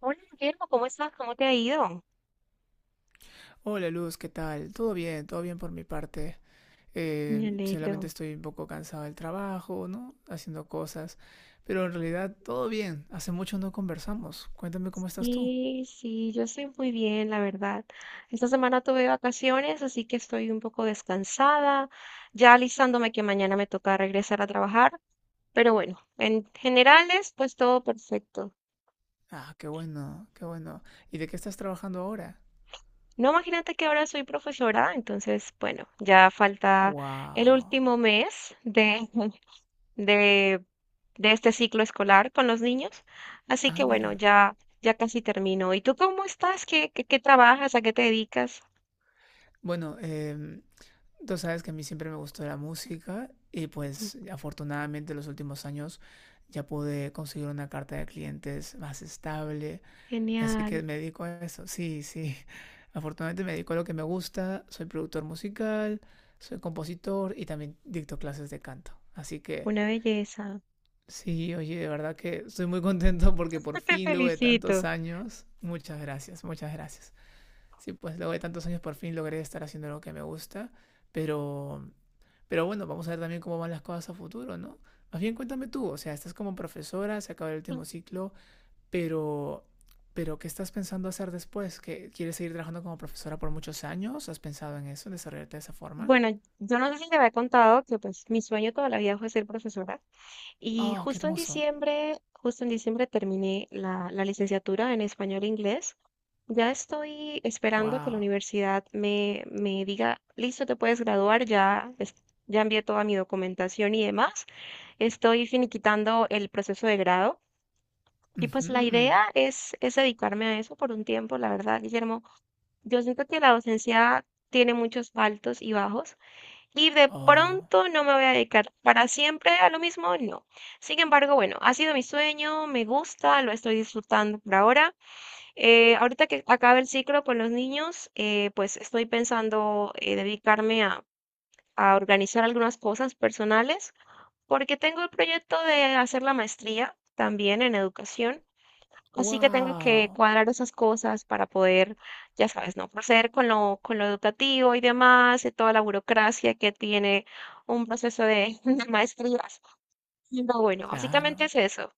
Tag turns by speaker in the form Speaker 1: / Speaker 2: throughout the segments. Speaker 1: Hola, Guillermo, ¿cómo estás? ¿Cómo te ha ido?
Speaker 2: Hola Luz, ¿qué tal? Todo bien por mi parte.
Speaker 1: Me
Speaker 2: Solamente
Speaker 1: alegro.
Speaker 2: estoy un poco cansado del trabajo, ¿no? Haciendo cosas. Pero en realidad todo bien. Hace mucho no conversamos. Cuéntame cómo estás tú.
Speaker 1: Sí, yo estoy muy bien, la verdad. Esta semana tuve vacaciones, así que estoy un poco descansada, ya alistándome que mañana me toca regresar a trabajar, pero bueno, en generales, pues todo perfecto.
Speaker 2: Ah, qué bueno, qué bueno. ¿Y de qué estás trabajando ahora?
Speaker 1: No, imagínate que ahora soy profesora, entonces, bueno, ya falta el
Speaker 2: Wow.
Speaker 1: último mes de, de, de este ciclo escolar con los niños. Así que
Speaker 2: Ah,
Speaker 1: bueno,
Speaker 2: mira.
Speaker 1: ya, ya casi termino. ¿Y tú cómo estás? ¿Qué trabajas? ¿A qué te dedicas?
Speaker 2: Bueno, tú sabes que a mí siempre me gustó la música y pues afortunadamente en los últimos años ya pude conseguir una carta de clientes más estable. Así
Speaker 1: Genial,
Speaker 2: que me dedico a eso. Sí, sí. Afortunadamente me dedico a lo que me gusta. Soy productor musical, soy compositor y también dicto clases de canto. Así que
Speaker 1: una belleza.
Speaker 2: sí, oye, de verdad que estoy muy contento porque por
Speaker 1: Te
Speaker 2: fin, luego de tantos
Speaker 1: felicito.
Speaker 2: años, muchas gracias, muchas gracias. Sí, pues luego de tantos años por fin logré estar haciendo lo que me gusta. Pero, pero bueno, vamos a ver también cómo van las cosas a futuro, ¿no? Más bien cuéntame tú, o sea, estás como profesora, se acaba el último ciclo, pero, pero ¿qué estás pensando hacer después? ¿Que quieres seguir trabajando como profesora por muchos años? ¿Has pensado en eso, en desarrollarte de esa forma?
Speaker 1: Bueno, yo no sé si te había contado que pues mi sueño toda la vida fue ser profesora y
Speaker 2: Oh, qué hermoso.
Speaker 1: justo en diciembre terminé la licenciatura en español e inglés. Ya estoy esperando que la
Speaker 2: Wow.
Speaker 1: universidad me diga, listo, te puedes graduar, ya, ya envié toda mi documentación y demás. Estoy finiquitando el proceso de grado y
Speaker 2: Ujú,
Speaker 1: pues la
Speaker 2: ujú.
Speaker 1: idea es dedicarme a eso por un tiempo, la verdad, Guillermo. Yo siento que la docencia tiene muchos altos y bajos y de
Speaker 2: Oh,
Speaker 1: pronto no me voy a dedicar para siempre a lo mismo, no. Sin embargo, bueno, ha sido mi sueño, me gusta, lo estoy disfrutando por ahora. Ahorita que acabe el ciclo con los niños, pues estoy pensando dedicarme a organizar algunas cosas personales, porque tengo el proyecto de hacer la maestría también en educación, así que tengo que
Speaker 2: wow.
Speaker 1: cuadrar esas cosas para poder, ya sabes, no proceder con lo educativo y demás, y toda la burocracia que tiene un proceso de, de maestrías. Pero bueno, básicamente
Speaker 2: Claro,
Speaker 1: es eso.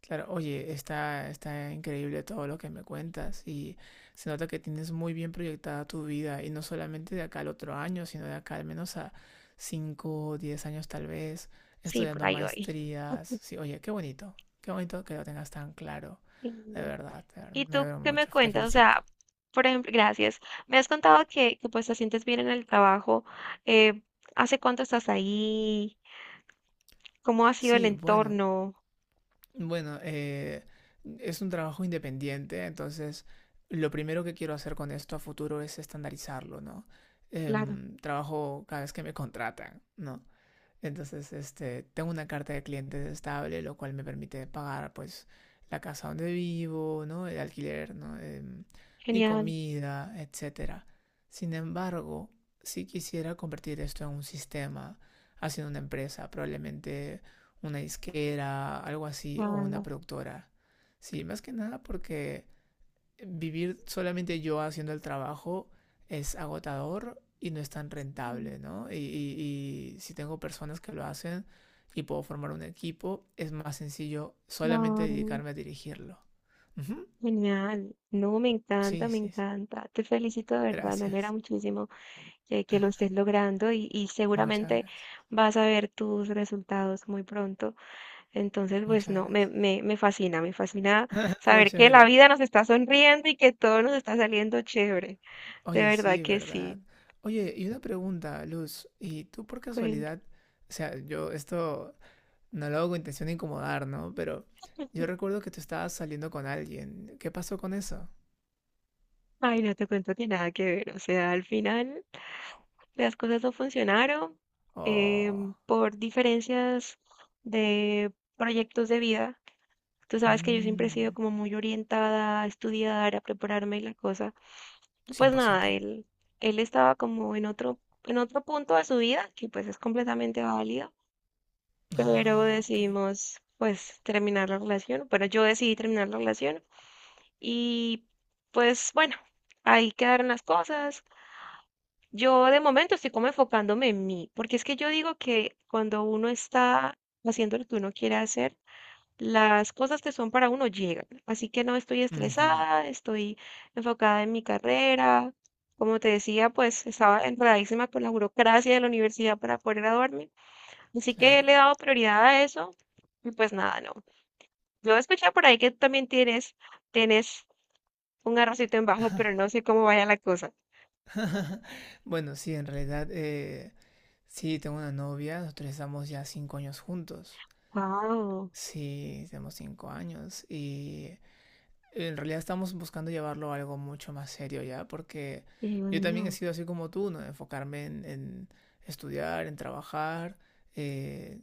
Speaker 2: claro. Oye, está increíble todo lo que me cuentas y se nota que tienes muy bien proyectada tu vida y no solamente de acá al otro año, sino de acá al menos a 5 o 10 años tal vez,
Speaker 1: Sí, por
Speaker 2: estudiando
Speaker 1: ahí voy.
Speaker 2: maestrías. Sí, oye, qué bonito que lo tengas tan claro.
Speaker 1: Sí.
Speaker 2: De verdad,
Speaker 1: ¿Y
Speaker 2: me
Speaker 1: tú
Speaker 2: alegro
Speaker 1: qué me
Speaker 2: mucho, te
Speaker 1: cuentas? O
Speaker 2: felicito.
Speaker 1: sea, por ejemplo, gracias. Me has contado pues te sientes bien en el trabajo. eh, ¿Hace cuánto estás ahí? ¿Cómo ha sido el
Speaker 2: Sí, bueno,
Speaker 1: entorno?
Speaker 2: bueno, eh, es un trabajo independiente, entonces lo primero que quiero hacer con esto a futuro es estandarizarlo, ¿no?
Speaker 1: Claro,
Speaker 2: Trabajo cada vez que me contratan, ¿no? Entonces, este, tengo una carta de clientes estable, lo cual me permite pagar, pues, la casa donde vivo, ¿no? El alquiler, ¿no? Mi
Speaker 1: genial.
Speaker 2: comida, etcétera. Sin embargo, si quisiera convertir esto en un sistema, haciendo una empresa, probablemente una disquera, algo así, o una
Speaker 1: Wow.
Speaker 2: productora. Sí, más que nada porque vivir solamente yo haciendo el trabajo es agotador y no es tan rentable, ¿no? Y si tengo personas que lo hacen y puedo formar un equipo, es más sencillo solamente
Speaker 1: Claro,
Speaker 2: dedicarme a dirigirlo. Ujú.
Speaker 1: genial. No, me encanta,
Speaker 2: Sí,
Speaker 1: me
Speaker 2: sí, sí.
Speaker 1: encanta. Te felicito de verdad, me alegra
Speaker 2: Gracias.
Speaker 1: muchísimo que lo estés logrando y
Speaker 2: Muchas
Speaker 1: seguramente
Speaker 2: gracias.
Speaker 1: vas a ver tus resultados muy pronto. Entonces, pues
Speaker 2: Muchas
Speaker 1: no,
Speaker 2: gracias.
Speaker 1: me fascina saber
Speaker 2: Muchas
Speaker 1: que la
Speaker 2: gracias.
Speaker 1: vida nos está sonriendo y que todo nos está saliendo chévere. De
Speaker 2: Oye,
Speaker 1: verdad
Speaker 2: sí,
Speaker 1: que
Speaker 2: verdad.
Speaker 1: sí.
Speaker 2: Oye, y una pregunta, Luz. ¿Y tú por
Speaker 1: Cuenta.
Speaker 2: casualidad? O sea, yo esto no lo hago con intención de incomodar, ¿no? Pero yo recuerdo que tú estabas saliendo con alguien. ¿Qué pasó con eso?
Speaker 1: Ay, no te cuento que nada que ver. O sea, al final las cosas no funcionaron,
Speaker 2: Oh.
Speaker 1: por diferencias de proyectos de vida. Tú sabes que yo siempre he
Speaker 2: Mmm.
Speaker 1: sido como muy orientada a estudiar, a prepararme y la cosa. Y
Speaker 2: cien
Speaker 1: pues
Speaker 2: por
Speaker 1: nada,
Speaker 2: ciento
Speaker 1: él estaba como en otro punto de su vida, que pues es completamente válido. Pero
Speaker 2: Ah, ok.
Speaker 1: decidimos pues terminar la relación. Bueno, yo decidí terminar la relación y pues bueno, ahí quedaron las cosas. Yo de momento estoy como enfocándome en mí, porque es que yo digo que cuando uno está haciendo lo que uno quiere hacer, las cosas que son para uno llegan. Así que no estoy
Speaker 2: Ujú.
Speaker 1: estresada, estoy enfocada en mi carrera. Como te decía, pues estaba enredadísima con la burocracia de la universidad para poder graduarme. Así que
Speaker 2: Claro.
Speaker 1: le he dado prioridad a eso y pues nada, no. Yo escuché por ahí que tú también tienes un arrocito en bajo, pero no sé cómo vaya la cosa.
Speaker 2: Bueno, sí, en realidad, sí, tengo una novia, nosotros estamos ya 5 años juntos.
Speaker 1: Wow,
Speaker 2: Sí, tenemos 5 años y en realidad estamos buscando llevarlo a algo mucho más serio ya, porque
Speaker 1: qué
Speaker 2: yo también he
Speaker 1: bueno.
Speaker 2: sido así como tú, ¿no? Enfocarme en estudiar, en trabajar. eh,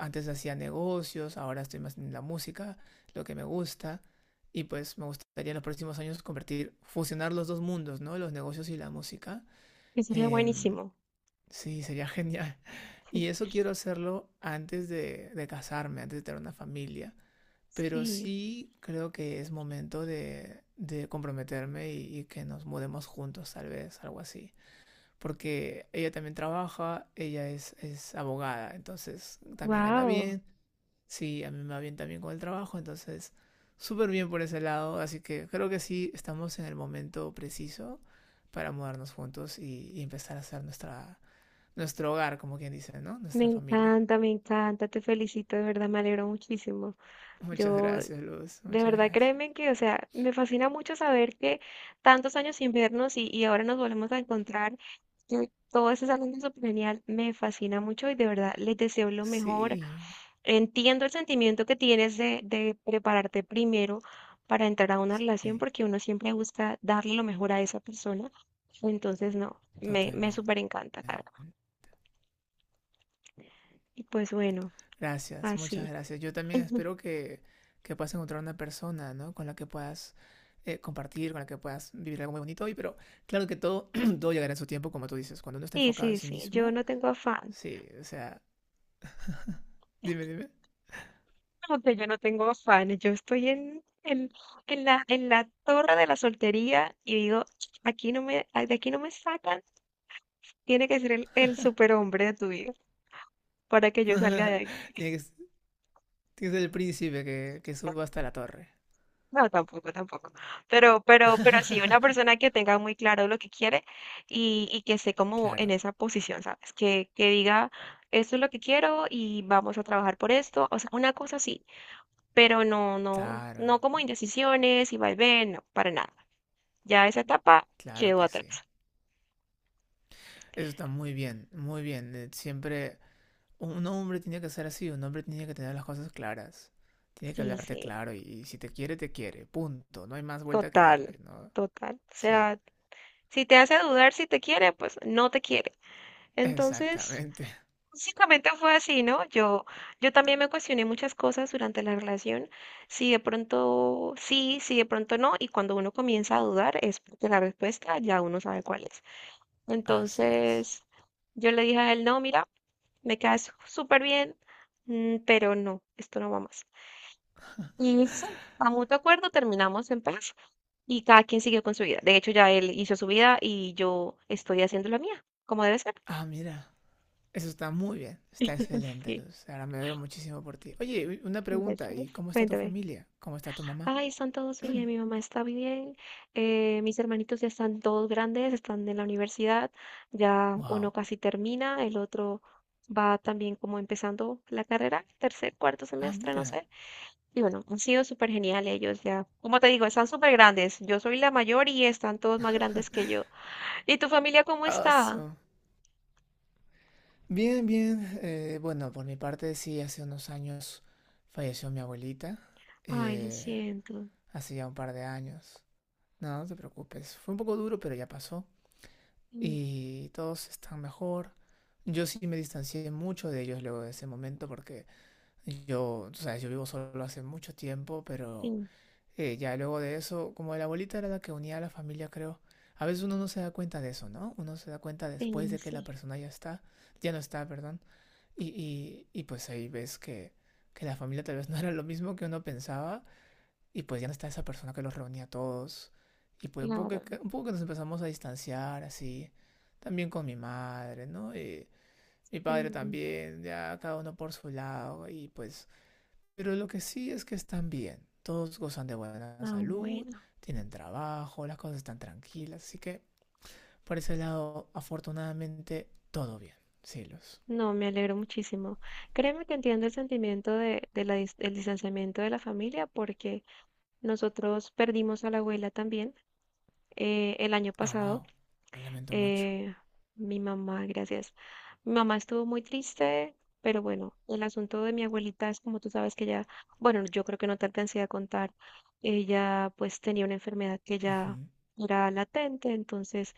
Speaker 2: antes hacía negocios, ahora estoy más en la música, lo que me gusta. Y pues me gustaría en los próximos años convertir, fusionar los dos mundos, ¿no? Los negocios y la música.
Speaker 1: Que sería
Speaker 2: Em,
Speaker 1: buenísimo.
Speaker 2: sí, sería genial. Y eso quiero hacerlo antes de casarme, antes de tener una familia, pero
Speaker 1: Sí,
Speaker 2: sí creo que es momento de comprometerme y que nos mudemos juntos, tal vez, algo así. Porque ella también trabaja, ella es abogada, entonces también gana
Speaker 1: wow.
Speaker 2: bien. Sí, a mí me va bien también con el trabajo, entonces súper bien por ese lado. Así que creo que sí estamos en el momento preciso para mudarnos juntos y empezar a hacer nuestra, nuestro hogar, como quien dice, ¿no? Nuestra familia.
Speaker 1: Me encanta, te felicito, de verdad, me alegro muchísimo.
Speaker 2: Muchas
Speaker 1: Yo,
Speaker 2: gracias, Luz.
Speaker 1: de
Speaker 2: Muchas
Speaker 1: verdad,
Speaker 2: gracias.
Speaker 1: créeme que, o sea, me fascina mucho saber que tantos años sin vernos y ahora nos volvemos a encontrar. Que Todo eso es algo súper genial, me fascina mucho y de verdad les deseo lo mejor.
Speaker 2: Sí,
Speaker 1: Entiendo el sentimiento que tienes de prepararte primero para entrar a una relación
Speaker 2: sí.
Speaker 1: porque uno siempre busca darle lo mejor a esa persona. Entonces, no, me
Speaker 2: Totalmente.
Speaker 1: súper encanta, Carla. Y pues bueno,
Speaker 2: Gracias, muchas
Speaker 1: así.
Speaker 2: gracias. Yo también espero que puedas encontrar una persona, ¿no? Con la que puedas compartir, con la que puedas vivir algo muy bonito hoy, pero claro que todo, todo llegará en su tiempo, como tú dices. Cuando uno está
Speaker 1: Sí,
Speaker 2: enfocado en
Speaker 1: sí,
Speaker 2: sí
Speaker 1: sí, yo
Speaker 2: mismo,
Speaker 1: no tengo afán.
Speaker 2: sí, o sea, dime, dime.
Speaker 1: No, que yo no tengo afán. Yo estoy en en la torre de la soltería y digo, aquí no me, de aquí no me sacan. Tiene que ser el superhombre de tu vida para que yo salga de
Speaker 2: tiene,
Speaker 1: ahí.
Speaker 2: que, s- Tiene que ser el príncipe que suba hasta la torre.
Speaker 1: No, tampoco, tampoco. Pero sí, una persona que tenga muy claro lo que quiere y que esté como en
Speaker 2: Claro,
Speaker 1: esa posición, ¿sabes? Que diga, esto es lo que quiero y vamos a trabajar por esto. O sea, una cosa sí, pero no, no,
Speaker 2: claro,
Speaker 1: no como indecisiones y vaivén, no, para nada. Ya esa etapa
Speaker 2: claro
Speaker 1: quedó
Speaker 2: que sí.
Speaker 1: atrás.
Speaker 2: Eso está muy bien, muy bien. Siempre un hombre tiene que ser así, un hombre tiene que tener las cosas claras, tiene que
Speaker 1: Sí,
Speaker 2: hablarte
Speaker 1: sí,
Speaker 2: claro y si te quiere, te quiere, punto, no hay más vuelta que
Speaker 1: total,
Speaker 2: darle, ¿no?
Speaker 1: total. O
Speaker 2: Sí,
Speaker 1: sea, si te hace dudar si te quiere, pues no te quiere. Entonces...
Speaker 2: exactamente,
Speaker 1: Básicamente fue así, ¿no? Yo también me cuestioné muchas cosas durante la relación, si de pronto sí, si de pronto no, y cuando uno comienza a dudar es porque la respuesta ya uno sabe cuál es.
Speaker 2: así es.
Speaker 1: Entonces, yo le dije a él, no, mira, me quedas súper bien, pero no, esto no va más. Y sí, a mutuo acuerdo terminamos en paz y cada quien siguió con su vida. De hecho, ya él hizo su vida y yo estoy haciendo la mía, como debe ser.
Speaker 2: Ah, mira, eso está muy bien, está excelente,
Speaker 1: Sí,
Speaker 2: Luz, ahora me alegro muchísimo por ti. Oye, una pregunta,
Speaker 1: gracias.
Speaker 2: ¿y cómo está tu
Speaker 1: Cuéntame.
Speaker 2: familia? ¿Cómo está tu mamá?
Speaker 1: Ay, están todos bien, mi mamá está bien, mis hermanitos ya están todos grandes, están en la universidad, ya uno
Speaker 2: Wow.
Speaker 1: casi termina, el otro va también como empezando la carrera, tercer, cuarto
Speaker 2: Ah,
Speaker 1: semestre, no
Speaker 2: mira.
Speaker 1: sé. Y bueno, han sido súper genial ellos ya. Como te digo, están súper grandes. Yo soy la mayor y están todos más grandes que yo. ¿Y tu familia cómo está?
Speaker 2: Awesome. Bien, bien. Bueno, por mi parte sí, hace unos años falleció mi abuelita.
Speaker 1: Ay, lo
Speaker 2: Eh,
Speaker 1: siento.
Speaker 2: hace ya un par de años. No, no te preocupes. Fue un poco duro, pero ya pasó.
Speaker 1: Mm,
Speaker 2: Y todos están mejor. Yo sí me distancié mucho de ellos luego de ese momento porque yo, tú sabes, yo vivo solo hace mucho tiempo, pero
Speaker 1: sí,
Speaker 2: ya luego de eso, como la abuelita era la que unía a la familia, creo, a veces uno no se da cuenta de eso, ¿no? Uno se da cuenta después
Speaker 1: sí,
Speaker 2: de que la
Speaker 1: sí,
Speaker 2: persona ya está, ya no está, perdón, y pues ahí ves que, la familia tal vez no era lo mismo que uno pensaba y pues ya no está esa persona que los reunía a todos. Y pues un poco,
Speaker 1: claro.
Speaker 2: un poco que nos empezamos a distanciar así. También con mi madre, ¿no? Y mi padre
Speaker 1: Sí.
Speaker 2: también, ya cada uno por su lado. Y pues... Pero lo que sí es que están bien. Todos gozan de buena
Speaker 1: Ah,
Speaker 2: salud,
Speaker 1: bueno.
Speaker 2: tienen trabajo, las cosas están tranquilas. Así que por ese lado, afortunadamente, todo bien. Cielos.
Speaker 1: No, me alegro muchísimo. Créeme que entiendo el sentimiento de la del distanciamiento de la familia porque nosotros perdimos a la abuela también el año
Speaker 2: Ah,
Speaker 1: pasado.
Speaker 2: wow. Lo lamento mucho.
Speaker 1: eh, mi mamá, gracias. Mi mamá estuvo muy triste, pero bueno, el asunto de mi abuelita es como tú sabes que ella, bueno, yo creo que no te alcancé a contar, ella pues tenía una enfermedad que ya
Speaker 2: Ujú.
Speaker 1: era latente, entonces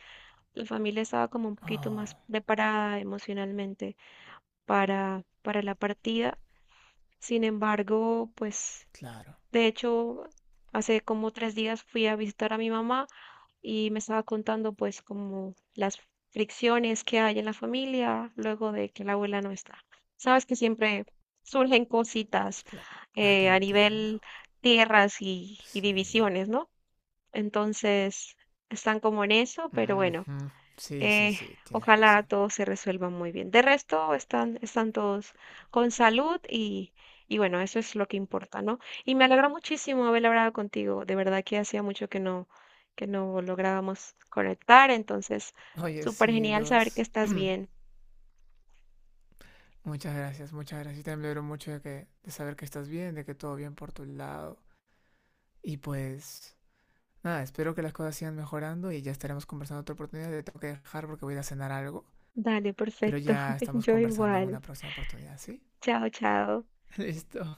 Speaker 1: la familia estaba como un poquito más
Speaker 2: Oh,
Speaker 1: preparada emocionalmente para la partida. Sin embargo, pues
Speaker 2: claro.
Speaker 1: de hecho, hace como tres días fui a visitar a mi mamá y me estaba contando pues como las fricciones que hay en la familia luego de que la abuela no está. Sabes que siempre surgen cositas
Speaker 2: Claro. Ah, te
Speaker 1: a
Speaker 2: entiendo.
Speaker 1: nivel tierras y
Speaker 2: Sí.
Speaker 1: divisiones, ¿no? Entonces, están como en eso, pero bueno.
Speaker 2: Ujú. Sí, sí,
Speaker 1: Eh,
Speaker 2: sí, tienes
Speaker 1: ojalá
Speaker 2: razón.
Speaker 1: todo se resuelva muy bien. De resto, están, están todos con salud y bueno, eso es lo que importa, ¿no? Y me alegra muchísimo haber hablado contigo. De verdad que hacía mucho que no lográbamos conectar, entonces,
Speaker 2: Oye,
Speaker 1: súper
Speaker 2: sí,
Speaker 1: genial saber que
Speaker 2: Luz.
Speaker 1: estás bien.
Speaker 2: Muchas gracias, muchas gracias. Yo también me alegro mucho de saber que estás bien, de que todo bien por tu lado. Y pues, nada, espero que las cosas sigan mejorando y ya estaremos conversando en otra oportunidad. Te tengo que dejar porque voy a ir a cenar algo,
Speaker 1: Dale,
Speaker 2: pero
Speaker 1: perfecto.
Speaker 2: ya estamos
Speaker 1: Yo
Speaker 2: conversando en
Speaker 1: igual.
Speaker 2: una próxima oportunidad, ¿sí?
Speaker 1: Chao, chao.
Speaker 2: Listo.